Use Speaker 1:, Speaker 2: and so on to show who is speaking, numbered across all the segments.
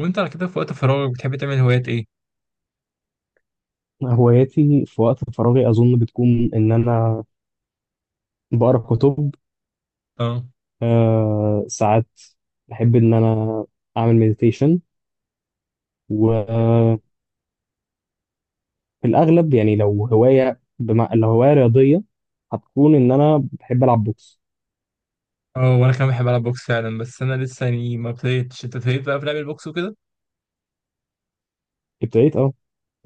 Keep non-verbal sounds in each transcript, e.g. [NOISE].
Speaker 1: وانت على كده في وقت فراغك بتحب تعمل هوايات ايه؟
Speaker 2: هواياتي في وقت فراغي أظن بتكون إن أنا بقرأ كتب.
Speaker 1: اه،
Speaker 2: آه ساعات بحب إن أنا أعمل مديتيشن. وفي الأغلب يعني لو لو هواية رياضية هتكون إن أنا بحب ألعب بوكس.
Speaker 1: اه، وانا كمان بحب العب بوكس فعلا، بس انا لسه يعني ما ابتديتش. انت ابتديت بقى في لعب البوكس وكده؟
Speaker 2: ابتديت أه.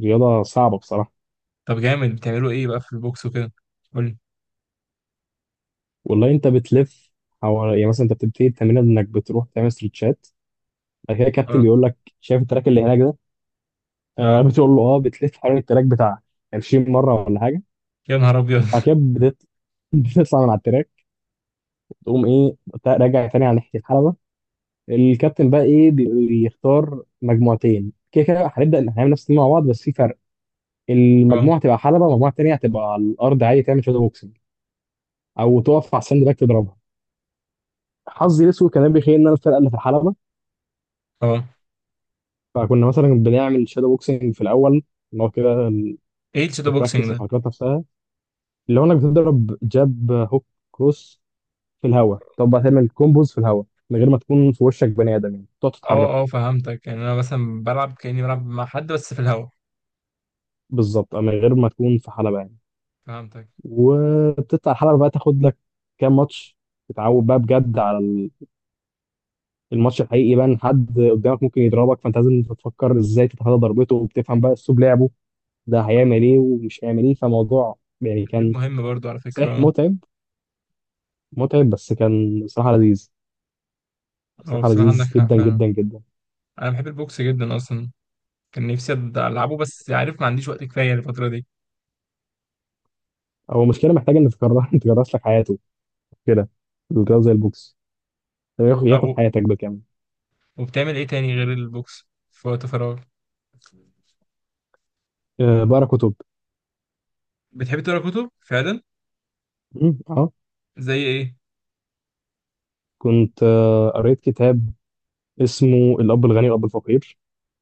Speaker 2: رياضة صعبة بصراحة.
Speaker 1: طب جامد، بتعملوا ايه بقى في البوكس وكده؟ قولي.
Speaker 2: والله أنت بتلف حوالي، يعني مثلا أنت بتبتدي التمرين إنك بتروح تعمل ستريتشات. بعد كده الكابتن
Speaker 1: اه،
Speaker 2: بيقول لك شايف التراك اللي هناك ده؟ آه [LAUGHS]
Speaker 1: اه،
Speaker 2: بتقول له أه. بتلف حوالين التراك بتاع 20 مرة ولا حاجة.
Speaker 1: يا نهار ابيض
Speaker 2: بعد
Speaker 1: [LAUGHS]
Speaker 2: كده [LAUGHS] بتطلع من على التراك، تقوم ايه، راجع تاني على ناحيه الحلبه. الكابتن بقى ايه، بيختار مجموعتين كده، كده هنبدا هنعمل نفس التيم مع بعض بس في فرق.
Speaker 1: اه،
Speaker 2: المجموعه تبقى حلبه والمجموعه التانيه هتبقى على الارض عادي تعمل شادو بوكسنج، او تقف على الساند باك تضربها. حظي الاسود كان بيخيل ان انا الفرقه اللي في الحلبه.
Speaker 1: اه،
Speaker 2: فكنا مثلا بنعمل شادو بوكسنج في الاول، اللي هو كده
Speaker 1: ايه الشادو
Speaker 2: البراكتس
Speaker 1: بوكسينج ده؟
Speaker 2: الحركات نفسها. اللي هو انك بتضرب جاب هوك كروس في الهواء. طب بقى تعمل كومبوز في الهواء من غير ما تكون في وشك بني ادم، يعني تقعد
Speaker 1: اه،
Speaker 2: تتحرك
Speaker 1: اه، فهمتك. يعني انا مثلا بلعب كأني بلعب مع حد بس في الهوا.
Speaker 2: بالظبط، أو من غير ما تكون في حلبه يعني.
Speaker 1: فهمتك.
Speaker 2: وبتطلع الحلبة بقى تاخد لك كام ماتش، تتعود بقى بجد على الماتش الحقيقي بقى. إن حد قدامك ممكن يضربك فانت لازم تفكر ازاي تتفادى ضربته، وبتفهم بقى اسلوب لعبه ده، هيعمل ايه ومش هيعمل ايه. فموضوع يعني
Speaker 1: تدريب
Speaker 2: كان
Speaker 1: مهم برضو على فكرة،
Speaker 2: صحيح
Speaker 1: اه.
Speaker 2: متعب. متعب بس كان بصراحة لذيذ.
Speaker 1: اه،
Speaker 2: بصراحة
Speaker 1: بصراحة عندك
Speaker 2: لذيذ
Speaker 1: حق
Speaker 2: جدا
Speaker 1: فعلا.
Speaker 2: جدا جدا.
Speaker 1: انا بحب البوكس جدا اصلا. كان نفسي العبه، بس عارف ما عنديش وقت كفاية الفترة
Speaker 2: هو مشكلة محتاج ان [LAUGHS] تكرس لك حياته كده. الرياضة زي البوكس ياخد
Speaker 1: دي.
Speaker 2: حياتك بالكامل.
Speaker 1: وبتعمل ايه تاني غير البوكس في وقت فراغ؟
Speaker 2: أه بقرا كتب.
Speaker 1: بتحب تقرا كتب فعلا؟
Speaker 2: اه.
Speaker 1: زي ايه؟
Speaker 2: كنت قريت كتاب اسمه الأب الغني والأب الفقير.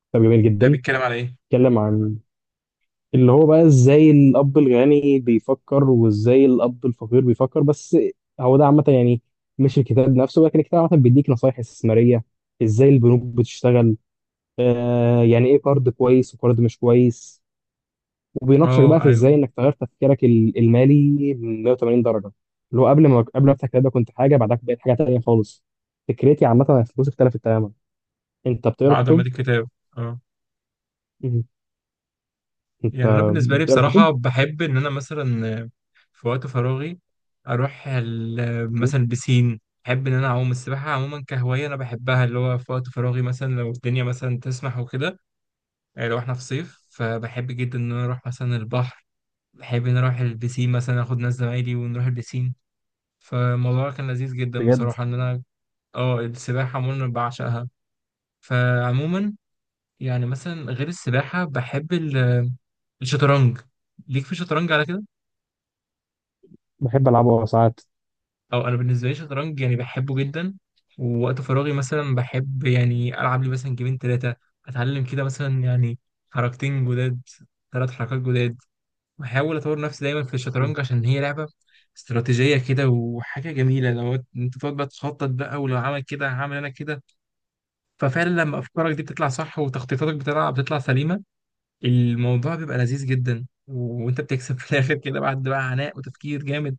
Speaker 2: كتاب جميل
Speaker 1: يعني
Speaker 2: جدا.
Speaker 1: بيتكلم على ايه؟
Speaker 2: اتكلم عن اللي هو بقى ازاي الاب الغني بيفكر وازاي الاب الفقير بيفكر، بس هو ده عامه يعني. مش الكتاب نفسه لكن الكتاب عامه بيديك نصايح استثماريه، ازاي البنوك بتشتغل، آه يعني ايه قرض كويس وقرض مش كويس. وبيناقشك بقى
Speaker 1: اه
Speaker 2: في ازاي
Speaker 1: ايوه.
Speaker 2: انك تغير تفكيرك المالي 180 درجه. اللي هو قبل ما افتح الكتاب ده كنت حاجه، بعدها بقيت حاجه تانيه خالص. فكرتي عامه عن الفلوس اختلفت تماما. انت بتقرا
Speaker 1: بعد ما
Speaker 2: كتب؟
Speaker 1: دي الكتاب. اه.
Speaker 2: مم. انت
Speaker 1: يعني انا بالنسبه لي
Speaker 2: بتقرا كتب
Speaker 1: بصراحه بحب ان انا مثلا في وقت فراغي اروح مثلا بسين. بحب ان انا اعوم، السباحه عموما كهوايه انا بحبها، اللي هو في وقت فراغي مثلا لو الدنيا مثلا تسمح وكده. يعني لو احنا في صيف، فبحب جدا ان انا اروح مثلا البحر. بحب ان أنا اروح البسين، مثلا اخد ناس زمايلي ونروح البسين. فالموضوع كان لذيذ جدا
Speaker 2: بجد؟
Speaker 1: بصراحة إن أنا السباحة عموما أنا بعشقها. فعموما يعني مثلا غير السباحة بحب الشطرنج. ليك في الشطرنج على كده؟
Speaker 2: بحب ألعبه ساعات.
Speaker 1: أو أنا بالنسبة لي الشطرنج يعني بحبه جدا. ووقت فراغي مثلا بحب يعني ألعب لي مثلا جيمين تلاتة. أتعلم كده مثلا يعني حركتين جداد، تلات حركات جداد. بحاول أطور نفسي دايما في
Speaker 2: مم.
Speaker 1: الشطرنج عشان هي لعبة استراتيجية كده، وحاجة جميلة لو أنت تقعد بقى تخطط، بقى ولو عمل كده هعمل أنا كده. ففعلا لما افكارك دي بتطلع صح، وتخطيطاتك بتطلع سليمه، الموضوع بيبقى لذيذ جدا، وانت بتكسب في الاخر كده بعد بقى عناء وتفكير جامد.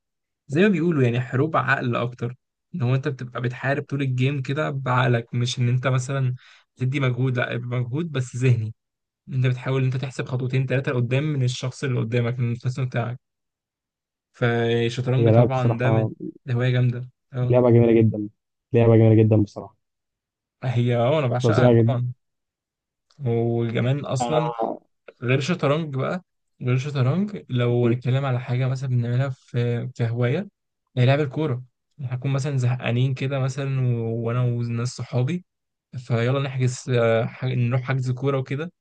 Speaker 1: زي ما بيقولوا يعني حروب عقل اكتر، ان هو انت بتبقى بتحارب طول الجيم كده بعقلك، مش ان انت مثلا تدي مجهود، لا يبقى مجهود بس ذهني. إن انت بتحاول إن انت تحسب خطوتين ثلاثه لقدام من الشخص اللي قدامك، من الخصم بتاعك. فالشطرنج
Speaker 2: هي لعبة
Speaker 1: طبعا ده من،
Speaker 2: بصراحة،
Speaker 1: ده هوايه جامده اه.
Speaker 2: لعبة جميلة جدا. لعبة جميلة جدا بصراحة.
Speaker 1: هي انا بعشقها
Speaker 2: فظيعة جدا.
Speaker 1: طبعا. وكمان اصلا
Speaker 2: آه.
Speaker 1: غير الشطرنج بقى، غير الشطرنج لو
Speaker 2: مم.
Speaker 1: هنتكلم على حاجة مثلا بنعملها في كهواية، هي لعب الكورة. هنكون مثلا زهقانين كده مثلا وأنا وناس صحابي، فيلا نحجز نروح حجز كورة وكده.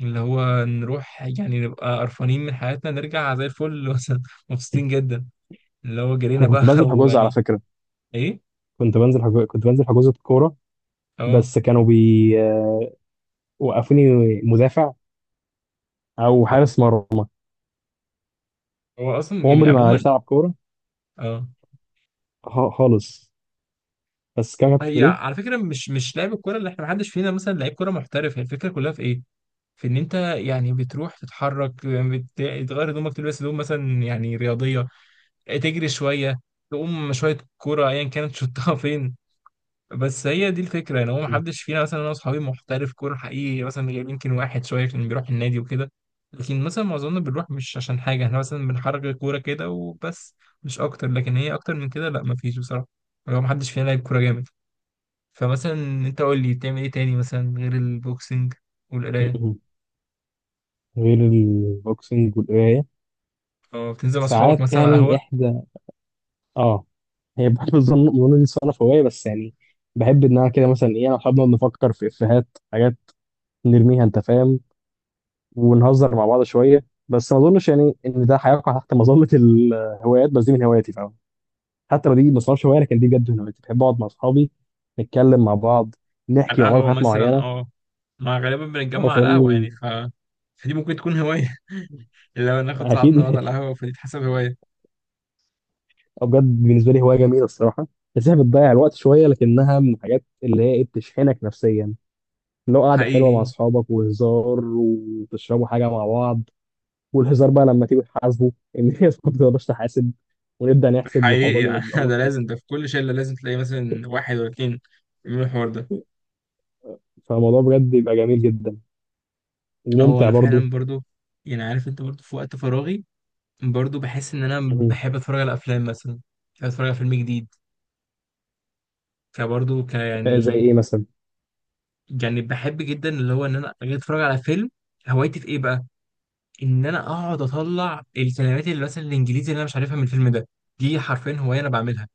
Speaker 1: اللي هو نروح يعني نبقى قرفانين من حياتنا نرجع زي الفل [LAUGHS] مثلا، مبسوطين جدا. اللي هو جرينا
Speaker 2: أنا
Speaker 1: بقى
Speaker 2: كنت
Speaker 1: [LAUGHS]
Speaker 2: بنزل حجوز على
Speaker 1: ويعني.
Speaker 2: فكرة.
Speaker 1: إيه؟
Speaker 2: كنت بنزل حجوزة كورة،
Speaker 1: أه.
Speaker 2: بس كانوا بي وقفوني مدافع أو
Speaker 1: آه.
Speaker 2: حارس مرمى.
Speaker 1: هو أصلا يعني
Speaker 2: عمري ما
Speaker 1: عموما.
Speaker 2: عرفت ألعب كورة
Speaker 1: أه.
Speaker 2: خالص. بس كمان كنت
Speaker 1: هي
Speaker 2: ليه.
Speaker 1: على فكرة مش لعب الكورة، اللي إحنا محدش فينا مثلا لعيب كورة محترف. هي الفكرة كلها في إيه؟ في ان انت يعني بتروح تتحرك، تغير هدومك، تلبس هدوم مثلا يعني رياضيه، تجري شويه، تقوم شويه كوره ايا كانت شطها [LAUGHS] فين. بس هي دي الفكره، يعني هو ما
Speaker 2: م-
Speaker 1: حدش فينا مثلا انا واصحابي محترف كوره حقيقي، مثلا غير يمكن واحد شويه كان بيروح النادي وكده. لكن مثلا معظمنا بنروح مش عشان حاجه، احنا مثلا بنحرك الكوره كده وبس. مش اكتر، لكن هي اكتر من كده لا، ما فيش بصراحه. هو ما حدش فينا لعب كوره جامد. فمثلا انت قول لي، بتعمل ايه تاني مثلا غير البوكسنج والقرايه؟
Speaker 2: م- غير البوكسنج والقراية.
Speaker 1: اه، بتنزل مع اصحابك
Speaker 2: ساعات
Speaker 1: مثلا على
Speaker 2: يعني
Speaker 1: القهوه؟
Speaker 2: إحدى آه، هي بحب الظن دي صنف هواية بس يعني. بحب إنها كده مثلا إيه، أنا وأصحابنا بنفكر في إفيهات حاجات نرميها، أنت فاهم، ونهزر مع بعض شوية. بس ما أظنش يعني إن ده هيقع تحت مظلة الهوايات، بس دي من هواياتي فاهم. حتى لو دي ما صنفش هواية لكن دي بجد من هواياتي. بحب أقعد مع أصحابي نتكلم مع بعض،
Speaker 1: على
Speaker 2: نحكي مع بعض
Speaker 1: القهوة
Speaker 2: حاجات
Speaker 1: مثلا،
Speaker 2: معينة.
Speaker 1: اه. ما غالبا
Speaker 2: أه
Speaker 1: بنتجمع على القهوة يعني
Speaker 2: فاهمني.
Speaker 1: ف... فدي ممكن تكون هواية. [LAUGHS] لو ناخد
Speaker 2: أكيد
Speaker 1: صاحبنا نقعد على
Speaker 2: [LAUGHS]
Speaker 1: القهوة، فدي تحسب هواية.
Speaker 2: أه بجد بالنسبة لي هواية جميلة الصراحة. بس هي بتضيع الوقت شوية لكنها من الحاجات اللي هي إيه بتشحنك نفسيا. لو قعدة حلوة مع
Speaker 1: حقيقي.
Speaker 2: أصحابك وهزار وتشربوا حاجة مع بعض، والهزار بقى لما تيجوا تحاسبوا. إن هي [LAUGHS] ما بتقدرش تحاسب، ونبدأ نحسب
Speaker 1: حقيقي،
Speaker 2: والموضوع بيبقى
Speaker 1: يعني
Speaker 2: بيبقى
Speaker 1: [LAUGHS] ده
Speaker 2: مضحك.
Speaker 1: لازم، ده في كل شلة لازم تلاقي مثلا واحد ولا اتنين يعملوا الحوار ده.
Speaker 2: [LAUGHS] فالموضوع بجد بيبقى جميل جدا،
Speaker 1: هو
Speaker 2: وممتع
Speaker 1: أنا
Speaker 2: برضو.
Speaker 1: فعلا برضو، يعني عارف أنت، برضو في وقت فراغي برضو بحس إن أنا
Speaker 2: مم.
Speaker 1: بحب أتفرج على أفلام مثلا. بحب أتفرج على فيلم جديد. فبرضو
Speaker 2: زي
Speaker 1: يعني،
Speaker 2: إيه مثلا؟
Speaker 1: يعني بحب جدا اللي هو إن أنا أجي أتفرج على فيلم. هوايتي في إيه بقى؟ ان انا اقعد اطلع الكلمات اللي مثلا الانجليزي اللي انا مش عارفها من الفيلم ده. دي حرفيا هوايه انا بعملها.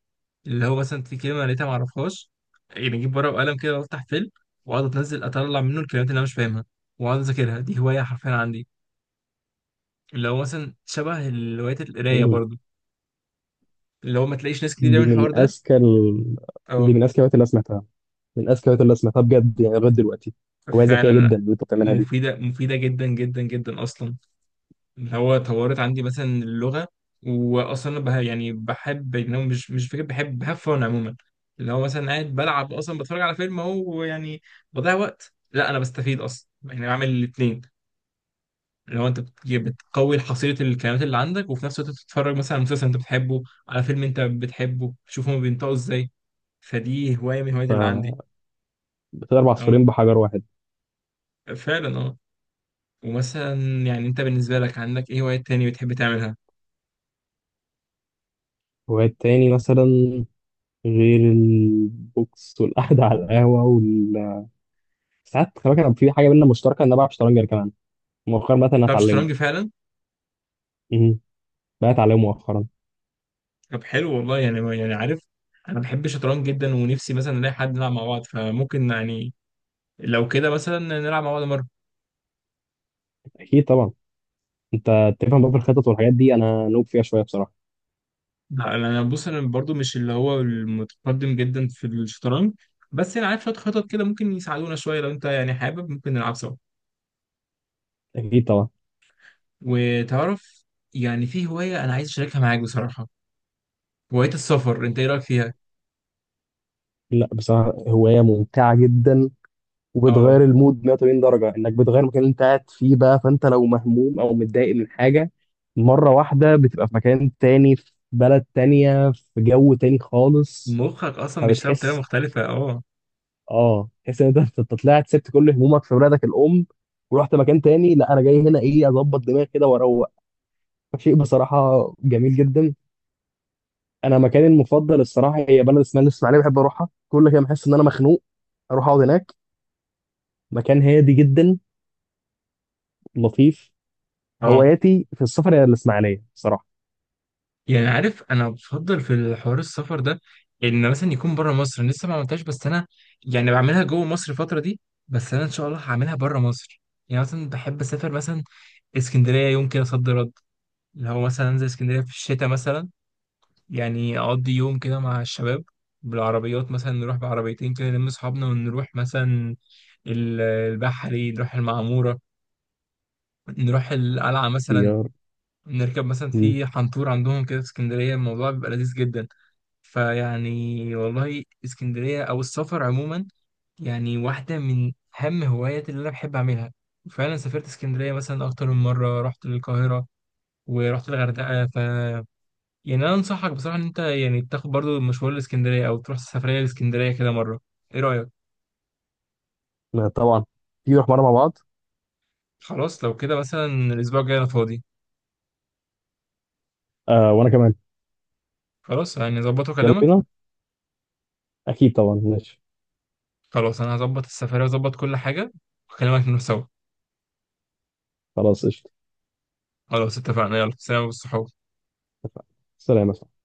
Speaker 1: اللي هو مثلا في كلمه لقيتها ما اعرفهاش، يعني اجيب ورقه وقلم كده وافتح فيلم، واقعد اتنزل اطلع منه الكلمات اللي انا مش فاهمها، واقعد اذاكرها. دي هوايه حرفيا عندي، اللي هو مثلا شبه هوايه القرايه
Speaker 2: مم.
Speaker 1: برضو، اللي هو ما تلاقيش ناس كتير بتعمل
Speaker 2: دي
Speaker 1: الحوار
Speaker 2: من
Speaker 1: ده.
Speaker 2: دي
Speaker 1: اه،
Speaker 2: من أذكى الهوايات اللي أنا سمعتها. من أذكى الهوايات اللي أنا سمعتها بجد يعني لغاية دلوقتي. هواية
Speaker 1: فعلا
Speaker 2: ذكية
Speaker 1: لا،
Speaker 2: جدا اللي أنت بتعملها دي.
Speaker 1: مفيده مفيده جدا جدا جدا اصلا. اللي هو طورت عندي مثلا اللغة. وأصلا أنا يعني بحب إن أنا، مش فكرة، بحب فن عموما. اللي هو مثلا قاعد بلعب أصلا، بتفرج على فيلم أهو يعني، بضيع وقت؟ لا، أنا بستفيد أصلا، يعني بعمل الاتنين. اللي هو أنت بتقوي حصيلة الكلمات اللي عندك، وفي نفس الوقت بتتفرج مثلا على مسلسل أنت بتحبه، على فيلم أنت بتحبه، تشوف هما بينطقوا إزاي. فدي هواية من الهوايات اللي عندي.
Speaker 2: فبتضرب
Speaker 1: أه.
Speaker 2: عصفورين بحجر واحد.
Speaker 1: فعلا، أه. ومثلا، يعني أنت بالنسبة لك عندك إيه هوايات تاني بتحب تعملها؟
Speaker 2: هوايات تاني مثلا غير البوكس والقعدة على القهوة. ساعات خلي بالك انا في حاجه بينا مشتركه، ان انا بلعب شطرنج كمان. مؤخرا مثلا
Speaker 1: بتلعب
Speaker 2: هتعلمه.
Speaker 1: شطرنج فعلا؟
Speaker 2: امم، بقى اتعلمه مؤخرا.
Speaker 1: طب حلو والله. يعني عارف، انا بحب الشطرنج جدا، ونفسي مثلا نلاقي حد نلعب مع بعض. فممكن يعني لو كده مثلا نلعب مع بعض مره.
Speaker 2: اكيد طبعا. انت تفهم بقى في الخطط والحاجات دي، انا نوب فيها شويه بصراحه.
Speaker 1: لا، انا بص، انا برضو مش اللي هو المتقدم جدا في الشطرنج، بس انا عارف شويه خطط كده ممكن يساعدونا شويه. لو انت يعني حابب ممكن نلعب سوا.
Speaker 2: اكيد طبعا.
Speaker 1: وتعرف، يعني في هوايه انا عايز اشاركها معاك بصراحه، هوايه السفر، انت ايه رايك فيها؟
Speaker 2: لا بصراحه هوايه ممتعه جدا،
Speaker 1: اه،
Speaker 2: وبتغير المود 180 درجه. انك بتغير المكان اللي انت قاعد فيه بقى، فانت لو مهموم او متضايق من حاجه، مره واحده بتبقى في مكان تاني، في بلد تانية، في جو تاني خالص.
Speaker 1: مخك اصلا بيشتغل بطريقه
Speaker 2: فبتحس،
Speaker 1: مختلفه، اه.
Speaker 2: اه تحس ان انت طلعت سبت كل همومك في بلادك الام، ورحت مكان تاني. لا انا جاي هنا ايه اظبط دماغي كده واروق. شيء بصراحه جميل جدا. انا مكاني المفضل الصراحه هي بلد اسمها الاسماعيليه. بحب اروحها كل كده بحس ان انا مخنوق اروح اقعد هناك. مكان هادي جدا، لطيف.
Speaker 1: اه،
Speaker 2: هواياتي في السفر هي الاسماعيليه صراحه.
Speaker 1: يعني عارف، انا بفضل في الحوار السفر ده ان مثلا يكون بره مصر. أنا لسه ما عملتهاش، بس انا يعني بعملها جوه مصر الفتره دي، بس انا ان شاء الله هعملها بره مصر. يعني مثلا بحب اسافر مثلا اسكندريه يوم كده صد رد، اللي هو مثلا انزل اسكندريه في الشتاء مثلا. يعني اقضي يوم كده مع الشباب، بالعربيات مثلا، نروح بعربيتين كده، نلم اصحابنا ونروح مثلا البحري، نروح المعموره، نروح القلعه مثلا،
Speaker 2: اختيار.
Speaker 1: نركب مثلا
Speaker 2: مم.
Speaker 1: في حنطور عندهم كده في اسكندريه. الموضوع بيبقى لذيذ جدا. فيعني والله اسكندرية أو السفر عموما، يعني واحدة من أهم هواياتي اللي أنا بحب أعملها. وفعلا سافرت اسكندرية مثلا أكتر من مرة، رحت للقاهرة، ورحت الغردقة. ف يعني أنا أنصحك بصراحة إن أنت يعني تاخد برضو مشوار لاسكندرية، أو تروح سفرية لاسكندرية كده مرة. إيه رأيك؟
Speaker 2: لا طبعا. تيجي نروح مره مع بعض.
Speaker 1: خلاص، لو كده مثلا الأسبوع الجاي أنا فاضي.
Speaker 2: آه وانا كمان.
Speaker 1: خلاص يعني أظبط
Speaker 2: يلا
Speaker 1: وأكلمك.
Speaker 2: بينا، اكيد طبعا، ماشي.
Speaker 1: خلاص، أنا هظبط السفرية وأظبط كل حاجة، وأكلمك نروح سوا.
Speaker 2: خلاص قشطه.
Speaker 1: خلاص اتفقنا، يلا سلام والصحاب.
Speaker 2: اتفقنا. سلام يا صاحبي.